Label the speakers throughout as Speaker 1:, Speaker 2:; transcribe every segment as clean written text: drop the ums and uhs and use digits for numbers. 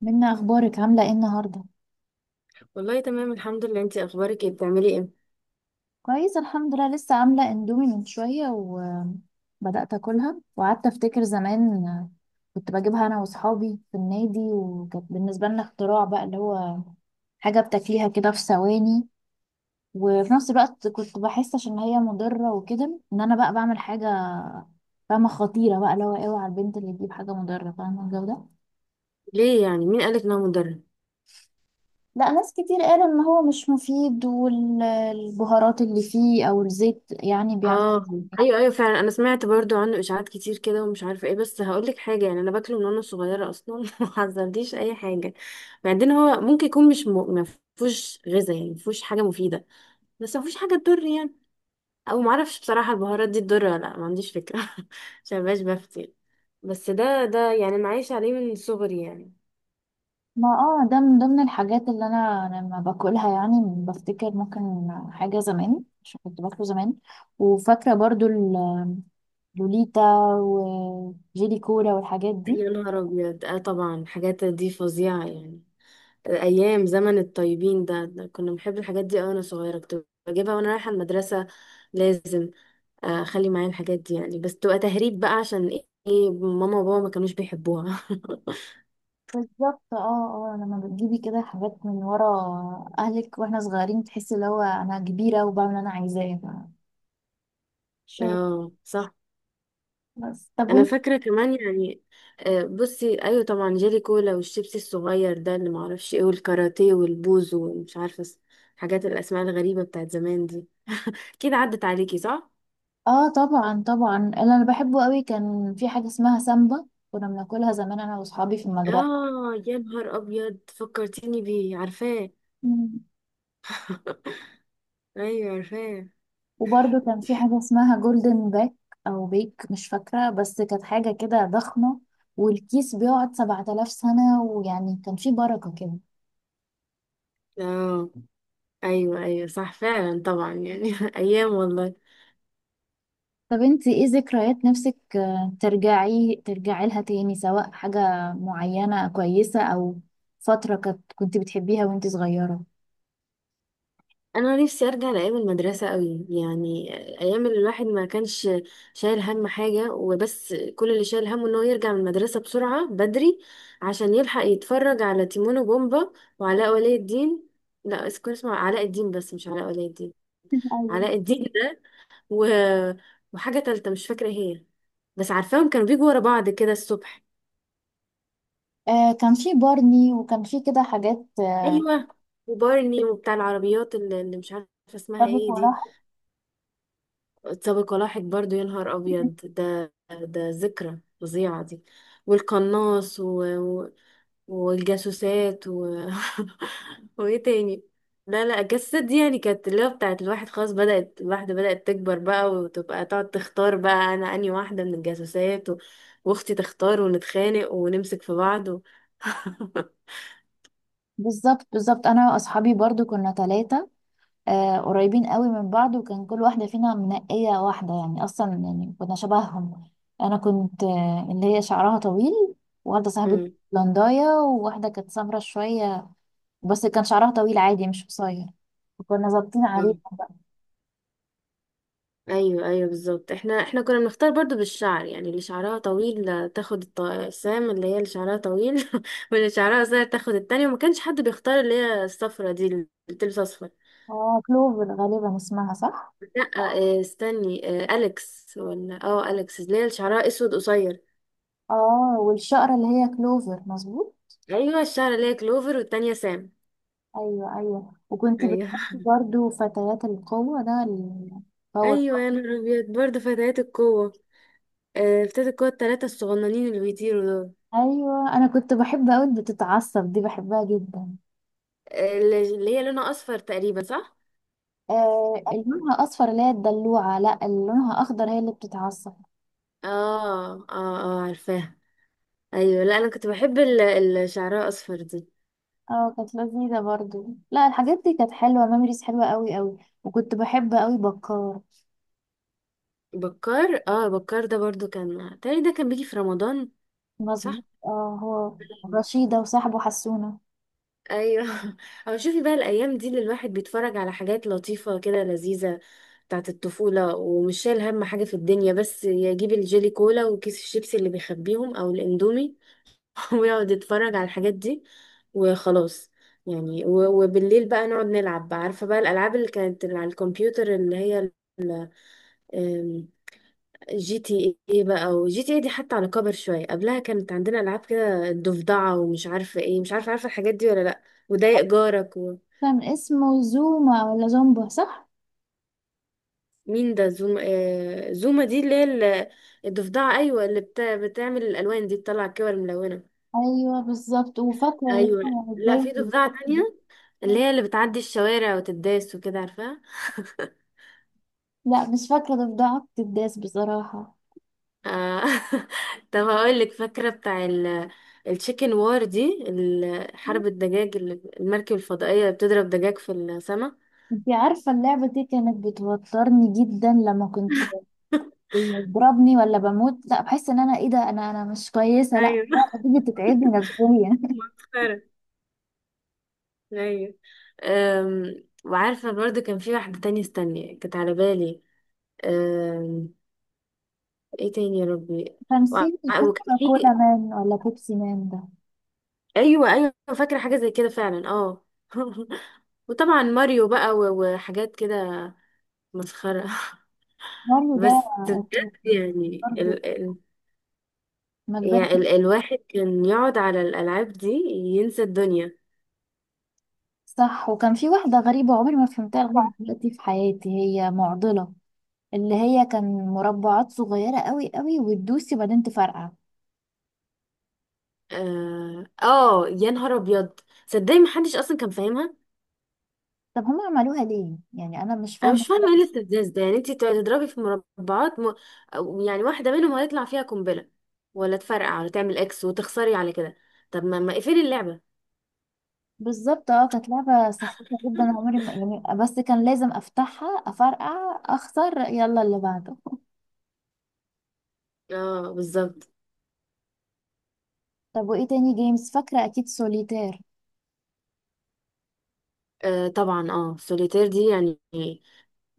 Speaker 1: منا، اخبارك؟ عامله ايه النهارده؟
Speaker 2: والله تمام، الحمد لله. انتي اخبارك ايه؟ بتعملي ايه؟
Speaker 1: كويس، الحمد لله. لسه عامله اندومي من شويه وبدات اكلها وقعدت افتكر زمان. كنت بجيبها انا واصحابي في النادي، وكانت بالنسبه لنا اختراع، بقى اللي هو حاجه بتاكليها كده في ثواني. وفي نفس الوقت كنت بحس، عشان هي مضره وكده، ان انا بقى بعمل حاجه فاهمه خطيره، بقى اللي هو اوعى البنت اللي تجيب حاجه مضره، فاهمه الجو ده.
Speaker 2: ليه يعني؟ مين قالك ان هو مدرب؟
Speaker 1: لا، ناس كتير قالوا ان هو مش مفيد، والبهارات اللي فيه او الزيت يعني بيعمل.
Speaker 2: اه، ايوه، ايوه، فعلا. انا سمعت برضو عنه اشاعات كتير كده ومش عارفه ايه، بس هقولك حاجه يعني: انا باكله من وانا صغيره اصلا ما حذرتيش اي حاجه. بعدين هو ممكن يكون مش ما فيهوش غذاء، يعني ما فيهوش حاجه مفيده، بس ما فيهوش حاجه تضر يعني. او ما اعرفش بصراحه البهارات دي تضر ولا لا، ما عنديش فكره. عشان مبقاش بفتي. بس ده يعني انا عايشه عليه من صغري يعني.
Speaker 1: ما ده من ضمن الحاجات اللي انا لما باكلها، يعني بفتكر ممكن حاجه زمان عشان كنت باكله زمان. وفاكره برضو اللوليتا وجيلي كولا والحاجات دي.
Speaker 2: يا نهار ابيض، اه طبعا الحاجات دي فظيعه يعني. ايام زمن الطيبين ده كنا بنحب الحاجات دي أوي، وانا صغيره كنت بجيبها وانا رايحه المدرسه لازم. اخلي معايا الحاجات دي يعني، بس تبقى تهريب بقى. عشان ايه؟ إيه، ماما وبابا ما كانوش بيحبوها.
Speaker 1: بالظبط. اه لما بتجيبي كده حاجات من ورا اهلك واحنا صغيرين، تحسي اللي هو انا كبيره وبعمل اللي انا عايزاه. شغل.
Speaker 2: اه، صح.
Speaker 1: بس طب
Speaker 2: انا
Speaker 1: وانت؟
Speaker 2: فاكره كمان يعني. بصي، ايوه طبعا جيلي كولا والشيبسي الصغير ده اللي معرفش ايه، والكاراتيه، والبوز، ومش عارفه الحاجات، الاسماء الغريبه بتاعت زمان دي. اكيد عدت عليكي، صح؟
Speaker 1: اه، طبعا طبعا، اللي انا بحبه قوي كان في حاجه اسمها سامبا. كنا بناكلها زمان انا واصحابي في المدرسه.
Speaker 2: اه، يا نهار ابيض فكرتيني بيه. عارفاه، ايوه عارفاه.
Speaker 1: وبرضه كان في حاجة اسمها جولدن باك أو بيك، مش فاكرة، بس كانت حاجة كده ضخمة والكيس بيقعد 7000 سنة، ويعني كان في بركة كده.
Speaker 2: اه، ايوه، ايوه، صح فعلا طبعا يعني ايام والله.
Speaker 1: طب انت ايه ذكريات نفسك، ترجعي لها تاني، سواء حاجة معينة كويسة، أو فترة كنت بتحبيها وانت صغيرة؟
Speaker 2: انا نفسي ارجع لايام المدرسه قوي يعني، ايام اللي الواحد ما كانش شايل هم حاجه، وبس كل اللي شايل همه ان هو يرجع من المدرسه بسرعه بدري عشان يلحق يتفرج على تيمون وبومبا وعلاء ولي الدين. لا، كان اسمه علاء الدين، بس مش علاء ولي الدين.
Speaker 1: ايوه.
Speaker 2: علاء الدين ده و... وحاجه تالته مش فاكره هي، بس عارفاهم كانوا بيجوا ورا بعض كده الصبح.
Speaker 1: كان في بارني، وكان في كده حاجات.
Speaker 2: ايوه، وبارني، وبتاع العربيات اللي مش عارفه اسمها
Speaker 1: طب
Speaker 2: ايه دي.
Speaker 1: وراها؟
Speaker 2: سابق ولاحق برضو، يا نهار ابيض ده ذكرى فظيعه دي. والقناص والجاسوسات وايه تاني؟ لا لا، الجاسوسات دي يعني كانت اللي هو بتاعت الواحد. خلاص، بدأت الواحدة بدأت تكبر بقى وتبقى تقعد تختار بقى أنا أنهي واحدة من الجاسوسات وأختي تختار ونتخانق ونمسك في بعض
Speaker 1: بالظبط بالظبط، انا واصحابي برضو كنا ثلاثة، قريبين قوي من بعض، وكان كل واحدة فينا منقية واحدة، يعني أصلا يعني كنا شبههم. أنا كنت اللي هي شعرها طويل، وواحدة صاحبتي بلنداية، وواحدة كانت سمرة شوية بس كان شعرها طويل عادي مش قصير. وكنا ظابطين عليها
Speaker 2: مم.
Speaker 1: بقى.
Speaker 2: ايوه، ايوه، بالظبط. احنا كنا بنختار برضو بالشعر يعني، اللي شعرها طويل تاخد الطقسام اللي هي اللي شعرها طويل واللي شعرها قصير تاخد التانية، وما كانش حد بيختار اللي هي الصفرة دي، اللي بتلبس اصفر.
Speaker 1: اه كلوفر غالبا اسمها، صح؟
Speaker 2: لا. استني. اليكس، ولا اليكس اللي هي اللي شعرها اسود قصير.
Speaker 1: اه والشقرة اللي هي كلوفر، مظبوط.
Speaker 2: ايوه، الشعر اللي هي كلوفر والتانية سام.
Speaker 1: ايوه ايوه، وكنت
Speaker 2: ايوه
Speaker 1: بتحبي برضو فتيات القوة، ده الباور.
Speaker 2: ايوه، يا نهار ابيض برضه فتيات القوة. فتيات القوة التلاتة الصغننين اللي بيطيروا دول.
Speaker 1: ايوه، انا كنت بحب اوي اللي بتتعصب دي، بحبها جدا.
Speaker 2: اللي هي لونها اصفر تقريبا، صح؟
Speaker 1: آه، اللي لونها اصفر اللي هي الدلوعه؟ لا، اللي لونها اخضر هي اللي بتتعصب.
Speaker 2: اه، اه، اه، عارفاها. ايوه. لا، انا كنت بحب اللي شعرها اصفر دي.
Speaker 1: اه، كانت لذيذه برضو. لا، الحاجات دي كانت حلوه، ميموريز حلوه قوي قوي. وكنت بحب قوي بكار.
Speaker 2: بكار، اه بكار ده برضو كان تاني، ده كان بيجي في رمضان،
Speaker 1: مظبوط،
Speaker 2: صح؟
Speaker 1: هو رشيده وصاحبه حسونه.
Speaker 2: ايوه. او شوفي بقى الايام دي اللي الواحد بيتفرج على حاجات لطيفه كده لذيذه بتاعت الطفوله، ومش شايل هم حاجه في الدنيا، بس يجيب الجيلي كولا وكيس الشيبسي اللي بيخبيهم او الاندومي ويقعد يتفرج على الحاجات دي وخلاص. يعني وبالليل بقى نقعد نلعب بقى. عارفه بقى الالعاب اللي كانت على الكمبيوتر، اللي هي GTA بقى؟ وجي تي ايه دي حتى على كبر شوية، قبلها كانت عندنا ألعاب كده، الضفدعة ومش عارفة ايه، مش عارفة، عارفة الحاجات دي ولا لأ؟ وضايق جارك.
Speaker 1: كان اسمه زوما ولا زومبا، صح؟
Speaker 2: ومين ده زوما؟ زوما دي اللي هي الضفدعة، أيوة، اللي بتعمل الألوان دي، بتطلع الكور ملونة.
Speaker 1: ايوه بالظبط، وفاكره اللي
Speaker 2: أيوة.
Speaker 1: هو
Speaker 2: لأ،
Speaker 1: ازاي.
Speaker 2: في ضفدعة تانية، اللي هي اللي بتعدي الشوارع وتداس وكده، عارفاها؟
Speaker 1: لا، مش فاكره ضفدعه الداس بصراحه.
Speaker 2: آه. طب هقولك فاكرة بتاع التشيكن وار دي، حرب الدجاج المركب الفضائية اللي بتضرب دجاج في السماء.
Speaker 1: انتي عارفه اللعبه دي كانت بتوترني جدا لما كنت بيضربني ولا بموت، لا بحس ان انا ايه ده، انا مش كويسه، لا تيجي تتعبني نفسيا.
Speaker 2: مسخرة. ايوه. وعارفة برضو كان في واحدة تانية، استني، كانت على بالي. أم، ايه تاني يا ربي؟ وع-
Speaker 1: تمثيل
Speaker 2: وكان
Speaker 1: كوكا كولا
Speaker 2: في
Speaker 1: مان ولا بيبسي مان ده.
Speaker 2: ايوه، ايوه، فاكرة حاجة زي كده فعلا، اه وطبعا ماريو بقى وحاجات كده. مسخرة.
Speaker 1: ماريو ده
Speaker 2: بس بجد
Speaker 1: أساسي.
Speaker 2: يعني
Speaker 1: برضه
Speaker 2: ال ال
Speaker 1: ما كبرت.
Speaker 2: يعني الواحد كان يقعد على الألعاب دي ينسى الدنيا.
Speaker 1: صح. وكان في واحده غريبه عمري ما فهمتها لغايه دلوقتي في حياتي، هي معضله، اللي هي كان مربعات صغيره قوي قوي وتدوسي وبعدين تفرقع.
Speaker 2: يا نهار ابيض، صدقني محدش اصلا كان فاهمها.
Speaker 1: طب هم عملوها ليه؟ يعني انا مش
Speaker 2: انا
Speaker 1: فاهمه.
Speaker 2: مش فاهمه ايه الاستفزاز ده، يعني انت تضربي في مربعات أو يعني واحده منهم هيطلع فيها قنبله ولا تفرقع ولا تعمل اكس وتخسري على كده. طب ما اقفلي اللعبه.
Speaker 1: بالظبط، كانت لعبة سخيفة جدا، عمري ما يعني، بس كان لازم افتحها افرقع اخسر يلا اللي بعده.
Speaker 2: اه، بالظبط.
Speaker 1: طب وايه تاني جيمز؟ فاكرة اكيد سوليتير.
Speaker 2: طبعا، سوليتير دي يعني،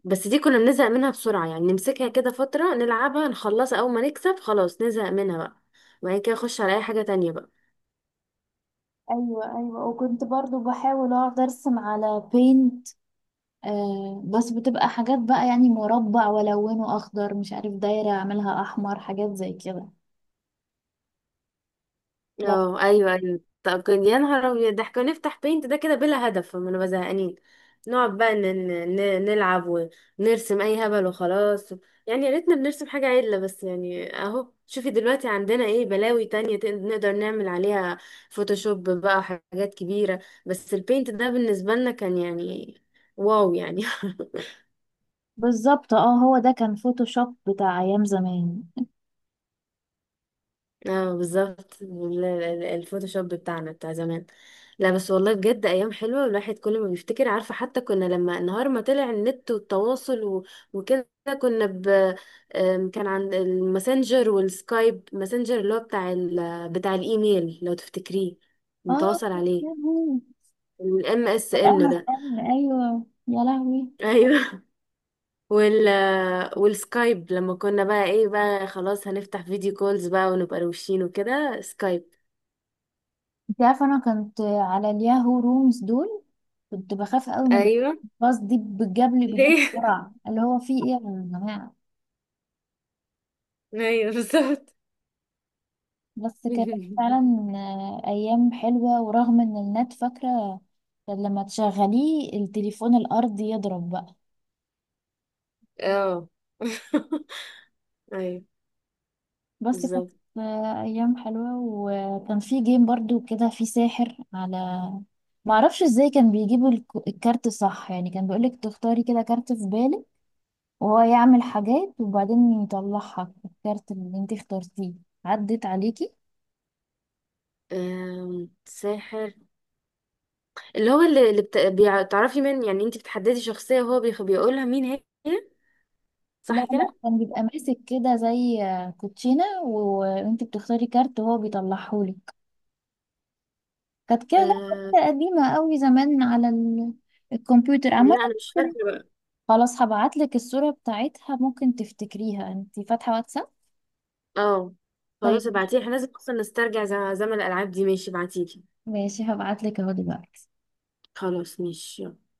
Speaker 2: بس دي كنا بنزهق منها بسرعه يعني، نمسكها كده فتره نلعبها نخلصها، اول ما نكسب خلاص نزهق منها بقى، وبعد كده نخش على اي حاجه تانية بقى.
Speaker 1: ايوه ايوه، وكنت برضو بحاول اقعد ارسم على بينت. بس بتبقى حاجات بقى، يعني مربع والونه اخضر، مش عارف دايرة اعملها احمر، حاجات زي كده. لا.
Speaker 2: اه، ايوه، ايوه. طب كان، يا نهار ابيض، ده احنا كنا نفتح بينت ده كده بلا هدف، ما نبقى زهقانين نقعد بقى نلعب ونرسم اي هبل وخلاص، يعني يا ريتنا بنرسم حاجه عدله بس يعني. اهو شوفي دلوقتي عندنا ايه بلاوي تانية نقدر نعمل عليها فوتوشوب بقى، حاجات كبيره. بس البينت ده بالنسبه لنا كان يعني، واو يعني
Speaker 1: بالظبط، هو ده كان فوتوشوب بتاع ايام زمان.
Speaker 2: اه، بالظبط، الفوتوشوب بتاعنا بتاع زمان. لا بس والله بجد ايام حلوه، الواحد كل ما بيفتكر. عارفه حتى كنا لما نهار ما طلع النت والتواصل وكده كنا ب آم، كان عند الماسنجر والسكايب ماسنجر اللي هو بتاع بتاع الايميل لو تفتكريه،
Speaker 1: اه
Speaker 2: متواصل
Speaker 1: يا
Speaker 2: عليه.
Speaker 1: لهوي.
Speaker 2: الام اس ان ده.
Speaker 1: ايوه يا لهوي.
Speaker 2: ايوه. وال والسكايب، لما كنا بقى ايه بقى، خلاص هنفتح فيديو كولز بقى ونبقى روشين وكده، سكايب.
Speaker 1: انت عارفه انا كنت على الياهو رومز دول، كنت بخاف قوي من
Speaker 2: ايوه
Speaker 1: الباص دي، بجاب لي بجد
Speaker 2: ليه؟
Speaker 1: بسرعه اللي هو في ايه يا جماعه.
Speaker 2: ايوه بالظبط.
Speaker 1: بس كانت فعلا ايام حلوه. ورغم ان النت، فاكره، كان لما تشغليه التليفون الارضي يضرب بقى.
Speaker 2: اه. ايوه
Speaker 1: بس كانت
Speaker 2: بالظبط.
Speaker 1: ايام حلوه. وكان في جيم برضو كده، في ساحر على، معرفش ازاي، كان بيجيبوا الكارت، صح؟ يعني كان بيقولك تختاري كده كارت في بالك، وهو يعمل حاجات، وبعدين يطلعها الكارت اللي انت اخترتيه. عدت عليكي؟
Speaker 2: ساحر اللي هو اللي بتعرفي من يعني انت بتحددي شخصية وهو بيقولها مين هي،
Speaker 1: لا
Speaker 2: صح
Speaker 1: لا،
Speaker 2: كده؟
Speaker 1: كان بيبقى ماسك كده زي كوتشينة وانت بتختاري كارت وهو بيطلعهولك. كانت كده لعبة
Speaker 2: أه...
Speaker 1: كده قديمة قوي زمان على الكمبيوتر عامة.
Speaker 2: لا انا مش فاكرة بقى.
Speaker 1: خلاص، هبعتلك الصورة بتاعتها، ممكن تفتكريها. انت فاتحة واتساب؟
Speaker 2: اه،
Speaker 1: طيب،
Speaker 2: خلاص ابعتيلي، احنا لازم اصلا نسترجع زمن الالعاب دي. ماشي، ابعتيلي.
Speaker 1: ماشي، هبعتلك اهو دلوقتي.
Speaker 2: خلاص، ماشي، يلا.